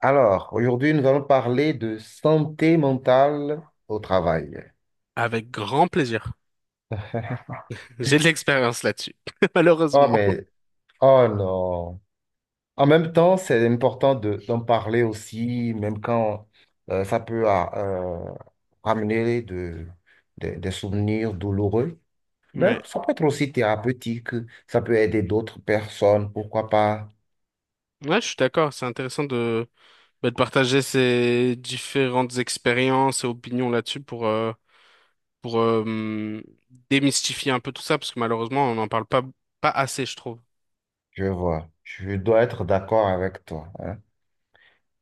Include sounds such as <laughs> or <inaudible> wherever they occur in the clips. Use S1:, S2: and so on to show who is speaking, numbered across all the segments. S1: Alors, aujourd'hui, nous allons parler de santé mentale au travail.
S2: Avec grand plaisir.
S1: <laughs>
S2: J'ai de l'expérience là-dessus, <laughs>
S1: Oh,
S2: malheureusement.
S1: mais, oh non. En même temps, c'est important d'en parler aussi, même quand ça peut ramener des souvenirs douloureux. Mais
S2: Ouais.
S1: ça peut être aussi thérapeutique, ça peut aider d'autres personnes, pourquoi pas.
S2: Ouais, je suis d'accord. C'est intéressant de, bah, de partager ces différentes expériences et opinions là-dessus pour démystifier un peu tout ça, parce que malheureusement, on n'en parle pas, pas assez, je trouve.
S1: Je vois, je dois être d'accord avec toi, hein.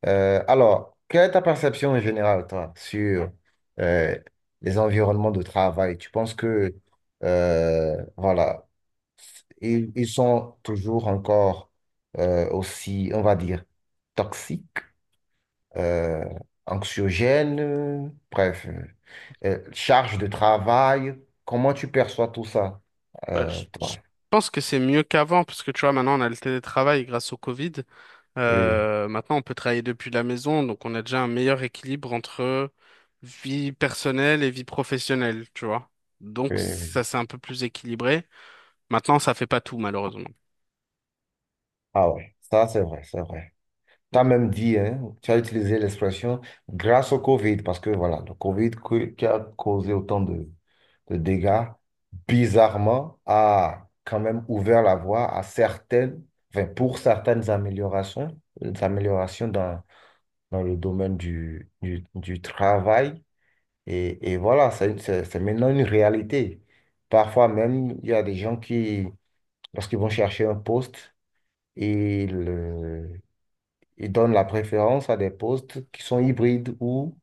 S1: Alors, quelle est ta perception en général, toi, sur euh, les environnements de travail? Tu penses que, voilà, ils sont toujours encore aussi, on va dire, toxiques, euh, anxiogènes, charge de travail. Comment tu perçois tout ça,
S2: Bah, je,
S1: toi?
S2: je pense que c'est mieux qu'avant, parce que tu vois, maintenant, on a le télétravail grâce au Covid.
S1: Oui,
S2: Maintenant, on peut travailler depuis la maison, donc on a déjà un meilleur équilibre entre vie personnelle et vie professionnelle, tu vois.
S1: oui,
S2: Donc
S1: oui.
S2: ça, c'est un peu plus équilibré. Maintenant, ça fait pas tout, malheureusement.
S1: Ah ouais, ça c'est vrai, c'est vrai. Tu as même dit, hein, tu as utilisé l'expression grâce au Covid, parce que voilà, le qui a causé autant de dégâts, bizarrement, a quand même ouvert la voie à certaines, enfin, pour certaines améliorations, des améliorations dans le domaine du travail. Et voilà, c'est maintenant une réalité. Parfois même, il y a des gens qui, lorsqu'ils vont chercher un poste, ils ils donnent la préférence à des postes qui sont hybrides ou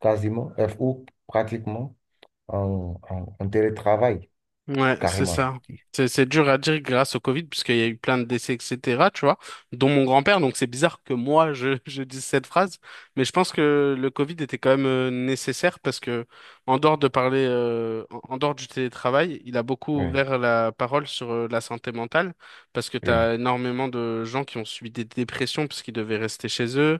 S1: quasiment, ou pratiquement en télétravail,
S2: Ouais, c'est
S1: carrément, je
S2: ça.
S1: dis.
S2: C'est dur à dire grâce au Covid, puisqu'il y a eu plein de décès, etc., tu vois, dont mon grand-père. Donc c'est bizarre que moi, je, <laughs> je dise cette phrase, mais je pense que le Covid était quand même nécessaire parce que, en dehors de parler, en en dehors du télétravail, il a beaucoup
S1: Oui,
S2: ouvert la parole sur la santé mentale, parce que tu
S1: oui,
S2: as énormément de gens qui ont subi des dépressions puisqu'ils devaient rester chez eux,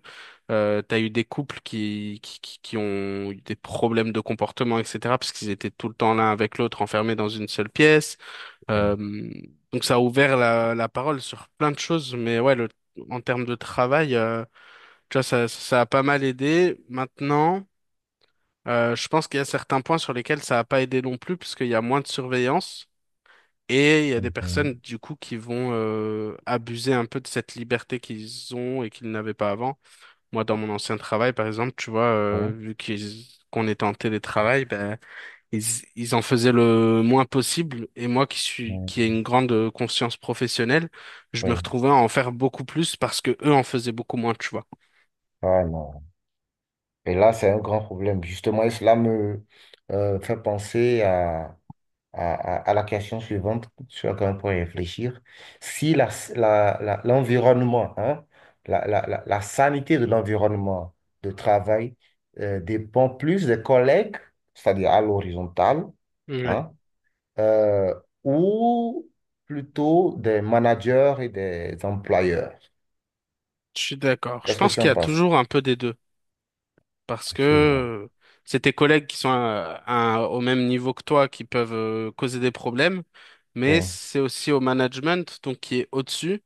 S2: t'as eu des couples qui ont eu des problèmes de comportement, etc., parce qu'ils étaient tout le temps l'un avec l'autre, enfermés dans une seule pièce. Euh,
S1: oui.
S2: donc ça a ouvert la parole sur plein de choses, mais ouais, en termes de travail, tu vois, ça a pas mal aidé. Maintenant, je pense qu'il y a certains points sur lesquels ça a pas aidé non plus, parce qu'il y a moins de surveillance. Et il y a des personnes,
S1: Mhm.
S2: du coup, qui vont abuser un peu de cette liberté qu'ils ont et qu'ils n'avaient pas avant. Moi, dans mon ancien travail, par exemple, tu vois,
S1: Oui,
S2: vu qu'on était en télétravail, ben, ils, ils en faisaient le moins possible. Et moi,
S1: oui,
S2: qui ai une grande conscience professionnelle, je me
S1: oui.
S2: retrouvais à en faire beaucoup plus parce que eux en faisaient beaucoup moins, tu vois.
S1: Ah, non. Et là, c'est un grand problème. Justement, et cela me fait penser à, à la question suivante sur laquelle on pourrait réfléchir. Si l'environnement, hein, la sanité de l'environnement de travail dépend plus des collègues, c'est-à-dire à l'horizontale,
S2: Ouais,
S1: hein, euh, ou plutôt des managers et des employeurs.
S2: je suis d'accord. Je
S1: Qu'est-ce que
S2: pense
S1: tu
S2: qu'il y
S1: en
S2: a
S1: penses?
S2: toujours un peu des deux parce que
S1: Je vois.
S2: c'est tes collègues qui sont au même niveau que toi qui peuvent causer des problèmes, mais
S1: Oui.
S2: c'est aussi au management, donc qui est au-dessus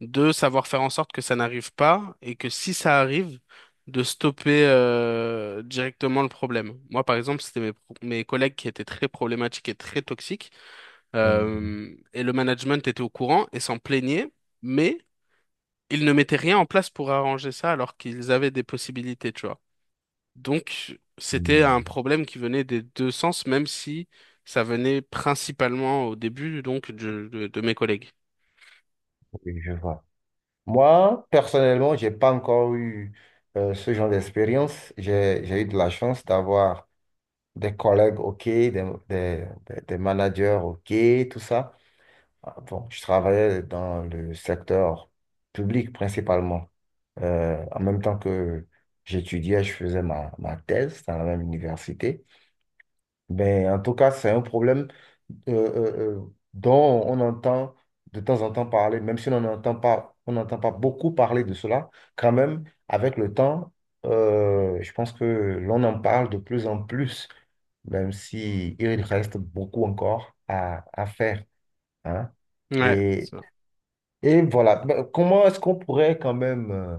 S2: de savoir faire en sorte que ça n'arrive pas et que si ça arrive, de stopper directement le problème. Moi, par exemple, c'était mes collègues qui étaient très problématiques et très toxiques,
S1: Hum,
S2: et le management était au courant et s'en plaignait, mais ils ne mettaient rien en place pour arranger ça alors qu'ils avaient des possibilités, tu vois. Donc, c'était
S1: hum.
S2: un problème qui venait des deux sens, même si ça venait principalement au début, donc, de mes collègues.
S1: Oui, je vois. Moi, personnellement, j'ai pas encore eu ce genre d'expérience. J'ai eu de la chance d'avoir des collègues OK, des managers OK, tout ça. Ah, bon, je travaillais dans le secteur public principalement. En même temps que j'étudiais, je faisais ma thèse dans la même université. Ben, en tout cas, c'est un problème dont on entend de temps en temps parler, même si on n'entend pas beaucoup parler de cela, quand même. Avec le temps, je pense que l'on en parle de plus en plus, même si il reste beaucoup encore à faire, hein.
S2: Ouais,
S1: et
S2: ça.
S1: et voilà, ben, comment est-ce qu'on pourrait quand même, euh,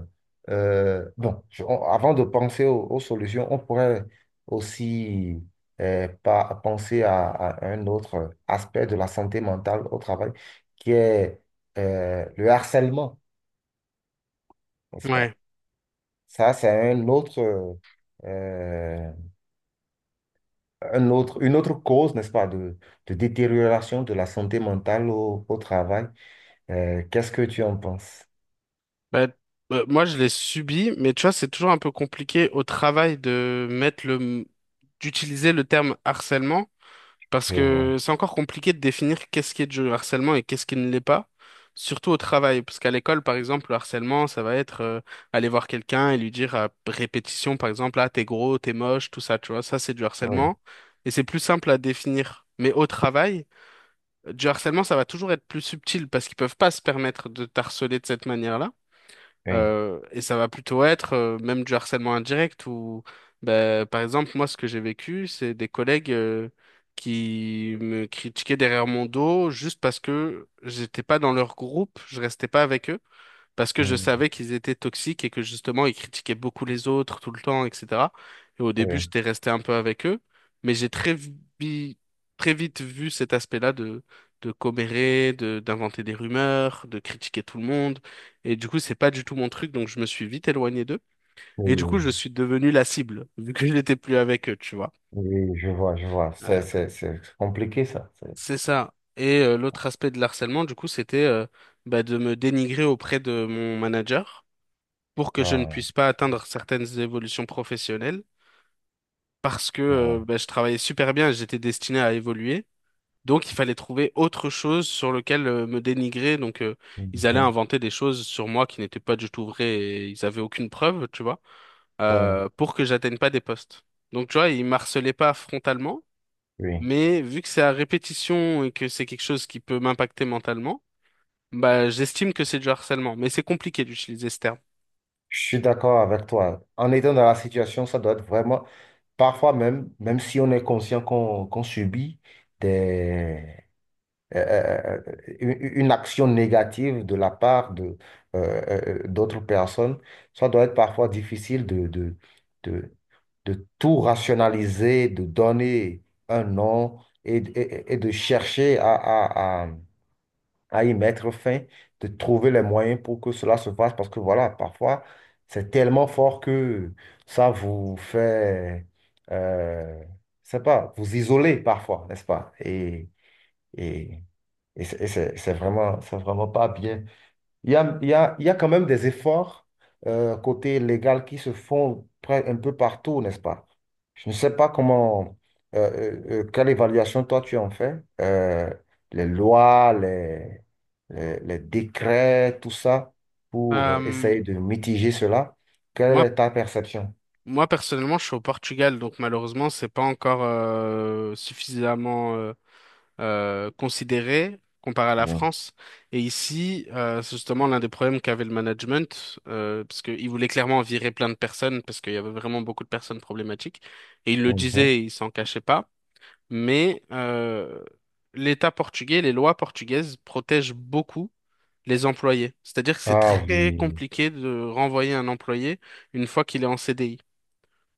S1: euh, bon, avant de penser aux solutions, on pourrait aussi penser à un autre aspect de la santé mentale au travail, qui est le harcèlement, n'est-ce pas?
S2: Ouais.
S1: Ça, c'est euh, une autre cause, n'est-ce pas, de détérioration de la santé mentale au travail. Qu'est-ce que tu en penses?
S2: Bah, moi, je l'ai subi, mais tu vois, c'est toujours un peu compliqué au travail de d'utiliser le terme harcèlement, parce
S1: Je vois.
S2: que c'est encore compliqué de définir qu'est-ce qui est du harcèlement et qu'est-ce qui ne l'est pas, surtout au travail, parce qu'à l'école, par exemple, le harcèlement, ça va être aller voir quelqu'un et lui dire à répétition, par exemple, ah, t'es gros, t'es moche, tout ça, tu vois, ça, c'est du
S1: Oui,
S2: harcèlement, et c'est plus simple à définir. Mais au travail, du harcèlement, ça va toujours être plus subtil parce qu'ils peuvent pas se permettre de t'harceler de cette manière-là.
S1: oui.
S2: Et ça va plutôt être même du harcèlement indirect où, ben, par exemple, moi, ce que j'ai vécu, c'est des collègues qui me critiquaient derrière mon dos juste parce que j'étais pas dans leur groupe, je restais pas avec eux parce que je
S1: Mmh.
S2: savais qu'ils étaient toxiques et que justement ils critiquaient beaucoup les autres tout le temps, etc. Et au début,
S1: Oui,
S2: j'étais resté un peu avec eux, mais j'ai très vite vu cet aspect-là de commérer, de d'inventer des rumeurs, de critiquer tout le monde. Et du coup, c'est pas du tout mon truc, donc je me suis vite éloigné d'eux. Et du coup,
S1: oui,
S2: je suis devenu la cible, <laughs> vu que je n'étais plus avec eux, tu vois.
S1: oui, je vois, je vois.
S2: Euh,
S1: C'est compliqué, ça. C'est-
S2: c'est ça. Et l'autre aspect de l'harcèlement, du coup, c'était bah, de me dénigrer auprès de mon manager pour que je ne
S1: Ouais,
S2: puisse pas atteindre certaines évolutions professionnelles parce que
S1: ouais.
S2: bah, je travaillais super bien et j'étais destiné à évoluer. Donc, il fallait trouver autre chose sur lequel me dénigrer. Donc, ils allaient
S1: Mhm.
S2: inventer des choses sur moi qui n'étaient pas du tout vraies et ils avaient aucune preuve, tu vois,
S1: Ouais,
S2: pour que j'atteigne pas des postes. Donc, tu vois, ils m'harcelaient pas frontalement,
S1: oui.
S2: mais vu que c'est à répétition et que c'est quelque chose qui peut m'impacter mentalement, bah, j'estime que c'est du harcèlement, mais c'est compliqué d'utiliser ce terme.
S1: Je suis d'accord avec toi. En étant dans la situation, ça doit être vraiment, parfois même, même si on est conscient qu'on subit une action négative de la part de, d'autres personnes, ça doit être parfois difficile de, de tout rationaliser, de donner un nom et, et de chercher à y mettre fin, de trouver les moyens pour que cela se fasse, parce que voilà, parfois, c'est tellement fort que ça vous fait, euh, je sais pas, vous isoler parfois, n'est-ce pas? Et, et c'est vraiment pas bien. Il y a quand même des efforts côté légal qui se font près- un peu partout, n'est-ce pas? Je ne sais pas comment, euh, quelle évaluation toi tu en fais. Euh, les lois, les décrets, tout ça, pour
S2: Bah,
S1: essayer de mitiger cela. Quelle
S2: moi,
S1: est ta perception?
S2: moi personnellement, je suis au Portugal, donc malheureusement, c'est pas encore suffisamment considéré comparé à la
S1: Oui.
S2: France. Et ici, c'est justement l'un des problèmes qu'avait le management, parce qu'ils voulaient clairement virer plein de personnes, parce qu'il y avait vraiment beaucoup de personnes problématiques. Et ils le
S1: Mhm.
S2: disaient, ils s'en cachaient pas. Mais l'État portugais, les lois portugaises protègent beaucoup les employés. C'est-à-dire que c'est
S1: Ah
S2: très
S1: oui,
S2: compliqué de renvoyer un employé une fois qu'il est en CDI.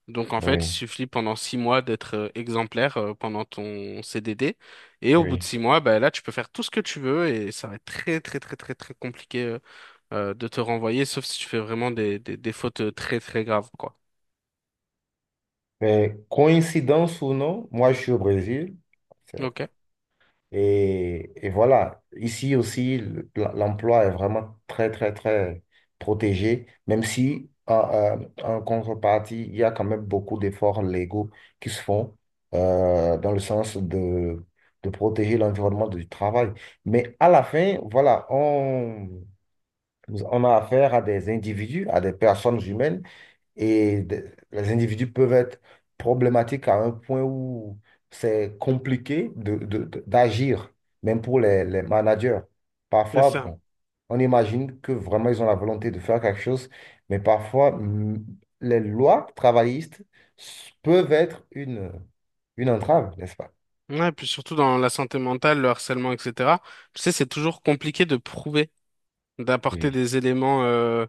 S2: Donc en fait, il
S1: oui,
S2: suffit pendant 6 mois d'être exemplaire pendant ton CDD. Et au bout de
S1: oui.
S2: 6 mois, bah, là, tu peux faire tout ce que tu veux et ça va être très très très très très compliqué de te renvoyer, sauf si tu fais vraiment des fautes très très graves, quoi.
S1: Mais coïncidence ou non, moi je suis au Brésil. C'est-
S2: Ok,
S1: Et voilà, ici aussi, l'emploi est vraiment très, très, très protégé, même si en contrepartie, il y a quand même beaucoup d'efforts légaux qui se font dans le sens de protéger l'environnement du travail. Mais à la fin, voilà, on a affaire à des individus, à des personnes humaines et de- les individus peuvent être problématiques à un point où c'est compliqué d'agir, même pour les managers.
S2: c'est
S1: Parfois,
S2: ça.
S1: bon, on imagine que vraiment ils ont la volonté de faire quelque chose, mais parfois, mm, les lois travaillistes s- peuvent être une entrave, n'est-ce pas?
S2: Ouais, et puis surtout dans la santé mentale, le harcèlement, etc. Tu sais, c'est toujours compliqué de prouver, d'apporter
S1: Oui,
S2: des éléments euh,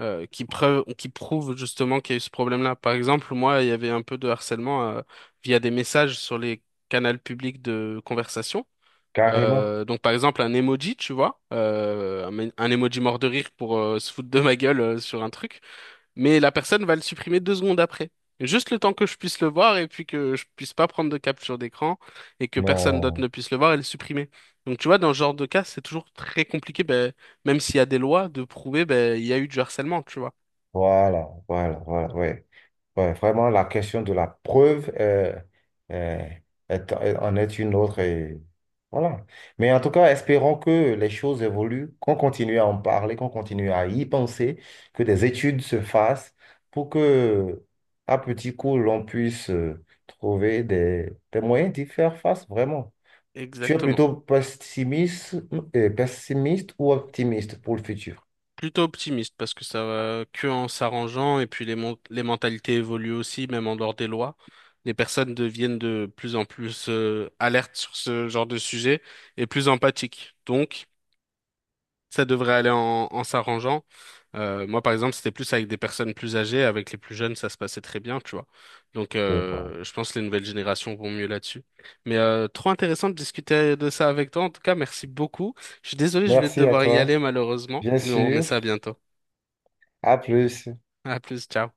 S2: euh, qui prouve justement qu'il y a eu ce problème-là. Par exemple, moi, il y avait un peu de harcèlement via des messages sur les canaux publics de conversation.
S1: carrément.
S2: Donc par exemple un emoji, tu vois, un emoji mort de rire pour se foutre de ma gueule sur un truc, mais la personne va le supprimer 2 secondes après. Juste le temps que je puisse le voir et puis que je puisse pas prendre de capture d'écran et que personne d'autre
S1: Non,
S2: ne puisse le voir et le supprimer. Donc tu vois, dans ce genre de cas, c'est toujours très compliqué, ben, même s'il y a des lois, de prouver ben, il y a eu du harcèlement, tu vois.
S1: voilà, voilà, voilà, ouais. Ouais, vraiment, la question de la preuve euh, est- est- en est une autre. Et voilà. Mais en tout cas, espérons que les choses évoluent, qu'on continue à en parler, qu'on continue à y penser, que des études se fassent pour que, à petit coup, l'on puisse trouver des moyens d'y faire face, vraiment. Tu es
S2: Exactement.
S1: plutôt pessimiste, ou optimiste pour le futur?
S2: Plutôt optimiste parce que ça va que en s'arrangeant et puis les mentalités évoluent aussi, même en dehors des lois. Les personnes deviennent de plus en plus alertes sur ce genre de sujet et plus empathiques. Donc, ça devrait aller en s'arrangeant. Moi, par exemple, c'était plus avec des personnes plus âgées, avec les plus jeunes, ça se passait très bien, tu vois. Donc,
S1: Je vois.
S2: je pense que les nouvelles générations vont mieux là-dessus. Mais trop intéressant de discuter de ça avec toi. En tout cas, merci beaucoup. Je suis désolé, je vais
S1: Merci à
S2: devoir y
S1: toi,
S2: aller malheureusement,
S1: bien
S2: mais on remet
S1: sûr.
S2: ça à bientôt.
S1: À plus.
S2: À plus, ciao.